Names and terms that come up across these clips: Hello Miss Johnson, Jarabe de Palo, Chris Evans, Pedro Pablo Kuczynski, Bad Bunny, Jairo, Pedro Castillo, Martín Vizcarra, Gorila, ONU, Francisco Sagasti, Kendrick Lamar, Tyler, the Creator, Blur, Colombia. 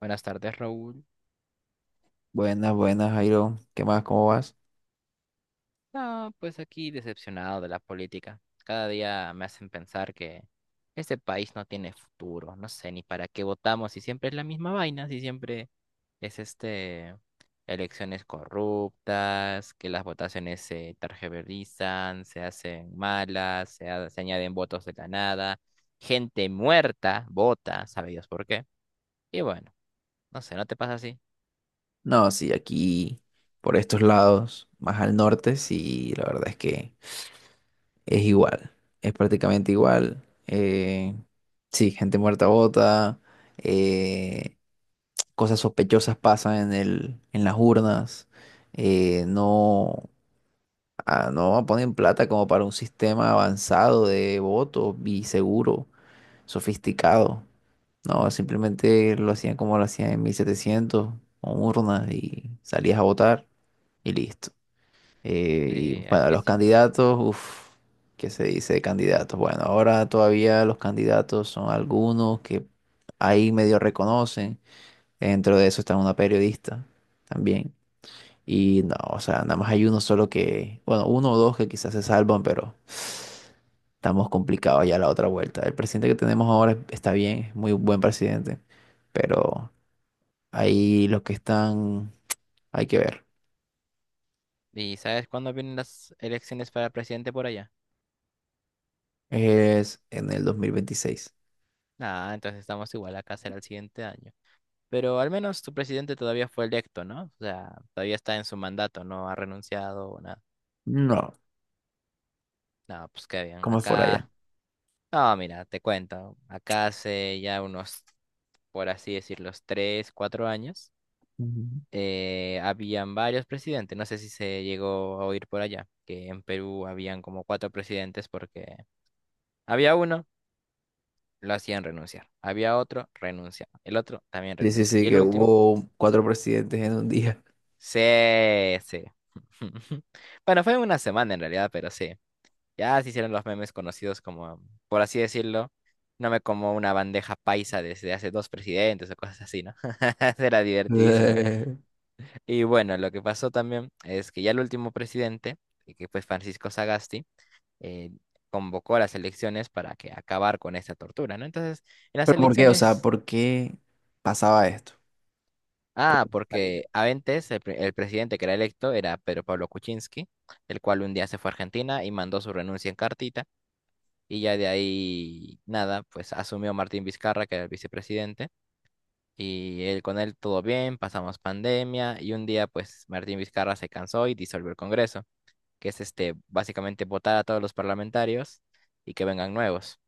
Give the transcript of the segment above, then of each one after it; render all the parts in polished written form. Buenas tardes, Raúl. Buenas, buenas, Jairo. ¿Qué más? ¿Cómo vas? No, pues aquí decepcionado de la política. Cada día me hacen pensar que este país no tiene futuro. No sé ni para qué votamos si siempre es la misma vaina, si siempre es elecciones corruptas, que las votaciones se targiversan, se hacen malas, se añaden votos de la nada, gente muerta vota, sabe Dios por qué. Y bueno, no sé, ¿no te pasa así? No, sí, aquí por estos lados, más al norte, sí, la verdad es que es igual. Es prácticamente igual. Sí, gente muerta bota. eh, Cosas sospechosas pasan en las urnas. eh, no, no ponen plata como para un sistema avanzado de voto y seguro, sofisticado. No, simplemente lo hacían como lo hacían en 1700, con urnas, y salías a votar y listo. Y Sí, bueno, aquí los es igual. candidatos, uff, ¿qué se dice de candidatos? Bueno, ahora todavía los candidatos son algunos que ahí medio reconocen. Dentro de eso está una periodista también. Y no, o sea, nada más hay uno solo que, bueno, uno o dos que quizás se salvan, pero estamos complicados ya la otra vuelta. El presidente que tenemos ahora está bien, es muy buen presidente, pero ahí los que están, hay que ver, ¿Y sabes cuándo vienen las elecciones para presidente por allá? es en el 2026. Ah, entonces estamos igual, acá será el siguiente año. Pero al menos tu presidente todavía fue electo, ¿no? O sea, todavía está en su mandato, no ha renunciado o nada. No, No, pues qué bien. como es por allá. Acá, no, mira, te cuento. Acá hace ya unos, por así decirlo, tres, cuatro años, Ujú. Habían varios presidentes. No sé si se llegó a oír por allá, que en Perú habían como cuatro presidentes porque había uno. Lo hacían renunciar. Había otro, renunciaba. El otro también Sí, sí, renunció. Y sí, el que último, hubo cuatro presidentes en un día. sí, sí. Bueno, fue una semana en realidad, pero sí. Ya se hicieron los memes conocidos como, por así decirlo, no me como una bandeja paisa desde hace dos presidentes o cosas así, ¿no? Era divertidísimo. Y bueno, lo que pasó también es que ya el último presidente, y que fue Francisco Sagasti, eh, convocó a las elecciones para que acabar con esta tortura, ¿no? Entonces, en las ¿Pero por qué? O sea, elecciones. ¿por qué pasaba esto? Ah, Salí, porque antes el presidente que era electo era Pedro Pablo Kuczynski, el cual un día se fue a Argentina y mandó su renuncia en cartita, y ya de ahí nada, pues asumió Martín Vizcarra, que era el vicepresidente, y él con él todo bien, pasamos pandemia, y un día pues Martín Vizcarra se cansó y disolvió el Congreso, que es básicamente votar a todos los parlamentarios y que vengan nuevos.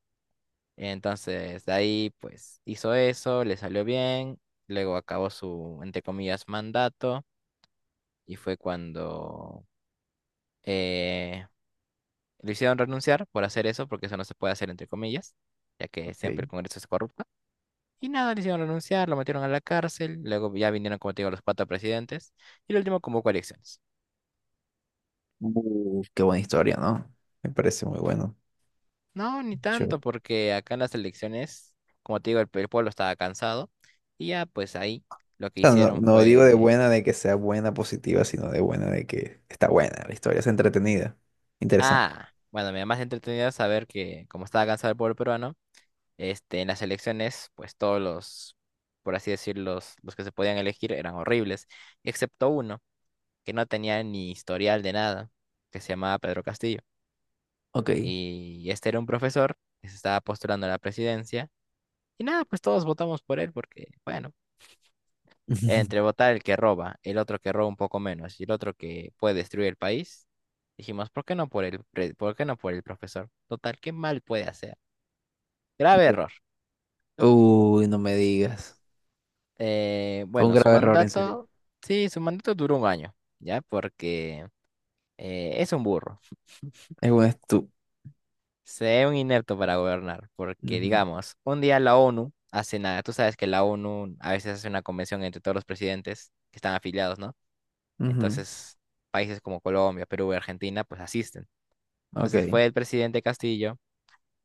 Entonces, de ahí pues hizo eso, le salió bien, luego acabó su, entre comillas, mandato, y fue cuando eh, lo hicieron renunciar por hacer eso, porque eso no se puede hacer entre comillas, ya que siempre el ok. Congreso es corrupto. Y nada, le hicieron renunciar, lo metieron a la cárcel, luego ya vinieron, como te digo, los cuatro presidentes, y el último convocó elecciones. Qué buena historia, ¿no? Me parece muy bueno. No, ni O tanto, porque acá en las elecciones, como te digo, el pueblo estaba cansado, y ya pues ahí lo que sea, no, hicieron no digo de fue... buena de que sea buena, positiva, sino de buena de que está buena la historia, es entretenida, interesante. Ah, bueno, me da más entretenido saber que como estaba cansado el pueblo peruano, en las elecciones, pues todos los, por así decirlo, los que se podían elegir eran horribles, excepto uno que no tenía ni historial de nada, que se llamaba Pedro Castillo. Ok. Y este era un profesor que se estaba postulando a la presidencia. Y nada, pues todos votamos por él porque, bueno, entre votar el que roba, el otro que roba un poco menos y el otro que puede destruir el país, dijimos, ¿por qué no por por qué no por el profesor? Total, ¿qué mal puede hacer? Grave Entiendo. error. Uy, no me digas. Fue un Bueno, su grave error, en serio. mandato, sí, su mandato duró 1 año, ¿ya? Porque es un burro, Es un estu... se ve un inepto para gobernar, porque Ujú, digamos, un día la ONU hace nada, tú sabes que la ONU a veces hace una convención entre todos los presidentes que están afiliados, ¿no? ujú. Entonces, países como Colombia, Perú y Argentina, pues asisten. Entonces Ok. fue el presidente Castillo.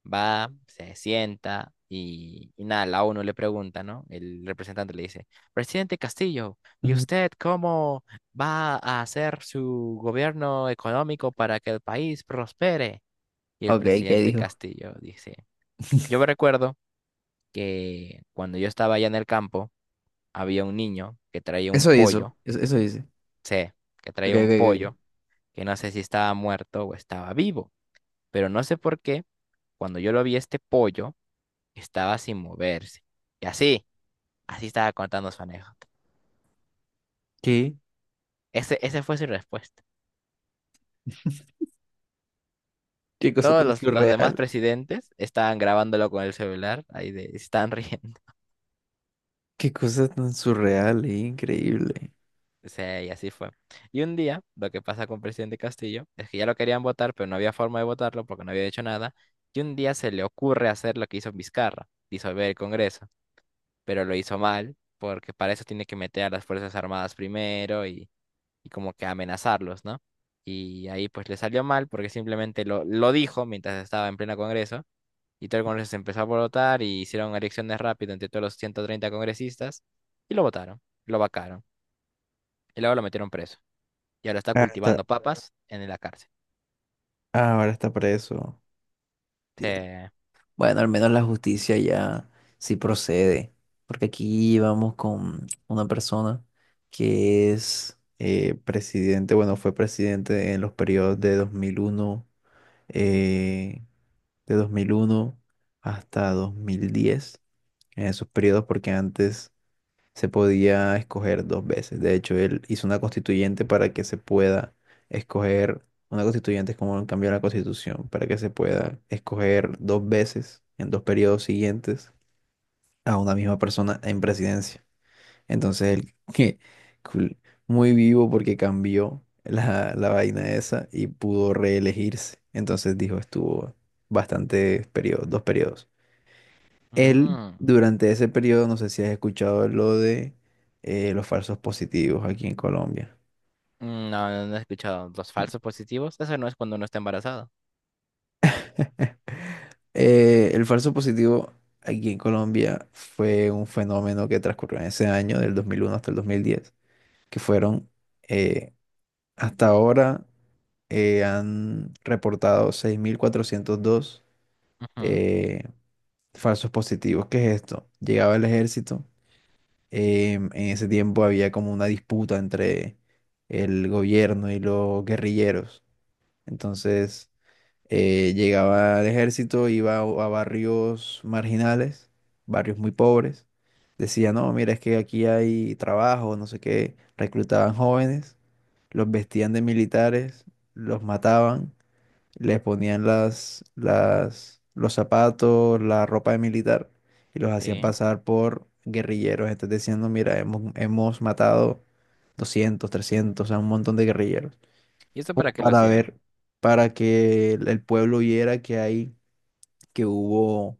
Va, se sienta y nada, la ONU le pregunta, ¿no? El representante le dice, presidente Castillo, ¿y Ujú. usted cómo va a hacer su gobierno económico para que el país prospere? Y el Ok, ¿qué presidente dijo? Castillo dice, yo me recuerdo que cuando yo estaba allá en el campo, había un niño que traía un Eso hizo, pollo, eso dice. sé, que Ok, ok, traía un pollo, ok. que no sé si estaba muerto o estaba vivo, pero no sé por qué, cuando yo lo vi este pollo, estaba sin moverse. Y así, así estaba contando su anécdota. ¿Qué? Ese fue su respuesta. ¿Qué cosa Todos tan los demás surreal? presidentes estaban grabándolo con el celular, ahí de, estaban riendo. ¿Qué cosa tan surreal e increíble? O sea, y así fue. Y un día, lo que pasa con el presidente Castillo es que ya lo querían votar, pero no había forma de votarlo porque no había hecho nada. Y un día se le ocurre hacer lo que hizo Vizcarra, disolver el Congreso, pero lo hizo mal porque para eso tiene que meter a las Fuerzas Armadas primero y como que amenazarlos, ¿no? Y ahí pues le salió mal porque simplemente lo dijo mientras estaba en pleno Congreso y todo el Congreso se empezó a votar y hicieron elecciones rápidas entre todos los 130 congresistas y lo votaron, lo vacaron y luego lo metieron preso y ahora está Ah, está, cultivando papas en la cárcel. Ahora está preso. Te- Bueno, al menos la justicia ya sí procede, porque aquí vamos con una persona que es presidente, bueno, fue presidente en los periodos de 2001, eh, de 2001 hasta 2010, en esos periodos, porque antes se podía escoger dos veces. De hecho, él hizo una constituyente para que se pueda escoger, una constituyente es como un cambio a la constitución, para que se pueda escoger dos veces en dos periodos siguientes a una misma persona en presidencia. Entonces, él, que cool, muy vivo porque cambió la vaina esa y pudo reelegirse. Entonces dijo, estuvo bastantes periodos, dos periodos. Él, Mm. durante ese periodo, no sé si has escuchado lo de los falsos positivos aquí en Colombia. No, no he escuchado los falsos positivos. Eso no es cuando uno está embarazado. El falso positivo aquí en Colombia fue un fenómeno que transcurrió en ese año, del 2001 hasta el 2010, que fueron, eh, hasta ahora, han reportado 6.402 Ujú, eh, falsos positivos. ¿Qué es esto? Llegaba el ejército. En ese tiempo había como una disputa entre el gobierno y los guerrilleros. Entonces llegaba el ejército, iba a barrios marginales, barrios muy pobres. Decía, no, mira, es que aquí hay trabajo, no sé qué. Reclutaban jóvenes, los vestían de militares, los mataban, les ponían los zapatos, la ropa de militar, y los hacían sí. pasar por guerrilleros. Estás diciendo, mira, hemos matado 200, 300, o sea, un montón de guerrilleros. ¿Y esto para Como qué lo para hacían? ver, para que el pueblo viera que hay, que hubo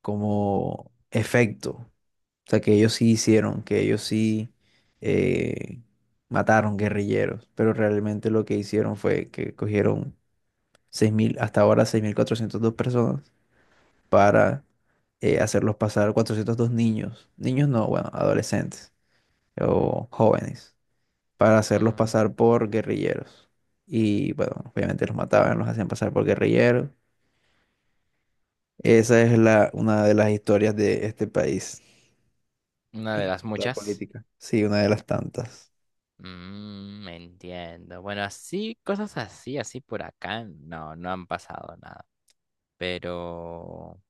como efecto. O sea, que ellos sí hicieron, que ellos sí eh, mataron guerrilleros, pero realmente lo que hicieron fue que cogieron 6.000, hasta ahora 6.402 personas, para hacerlos pasar, 402 niños, niños no, bueno, adolescentes o jóvenes, para hacerlos Mm, pasar por guerrilleros. Y bueno, obviamente los mataban, los hacían pasar por guerrilleros. Esa es mm, mm. una de las historias de este país Una de en las cuanto a muchas. política. Sí, una de las tantas. Me entiendo. Bueno, así, cosas así, así por acá, no, no han pasado nada. Pero,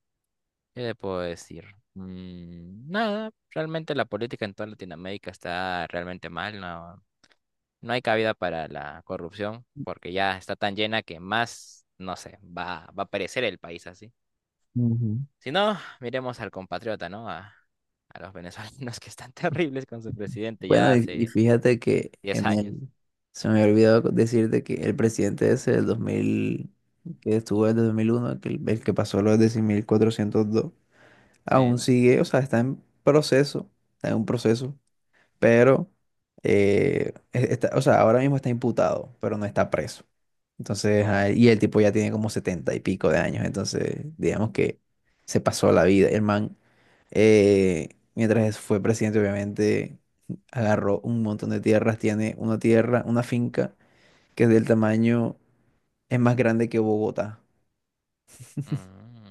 ¿qué le puedo decir? Nada, realmente la política en toda Latinoamérica está realmente mal, no, no hay cabida para la corrupción, porque ya está tan llena que más, no sé, va a perecer el país así. Ujú. Si no, miremos al compatriota, ¿no? A los venezolanos que están terribles con su presidente ya Bueno, hace fíjate que diez años. Se me había olvidado decirte que el presidente ese del 2000, que estuvo desde 2001, que el que pasó los 10.402, aún Sí. sigue, o sea, está en proceso, está en un proceso, pero, está, o sea, ahora mismo está imputado, pero no está preso. Entonces, Oh, y el tipo ya tiene como 70 y pico de años, entonces, digamos que se pasó la vida. El man eh, mientras fue presidente, obviamente, agarró un montón de tierras. Tiene una tierra, una finca que es del tamaño, es más grande que Bogotá. mm.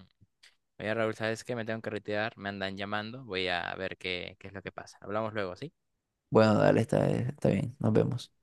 Oye, Raúl, ¿sabes qué? Me tengo que retirar, me andan llamando, voy a ver qué, qué es lo que pasa. Hablamos luego, ¿sí? Bueno, dale, está bien, nos vemos.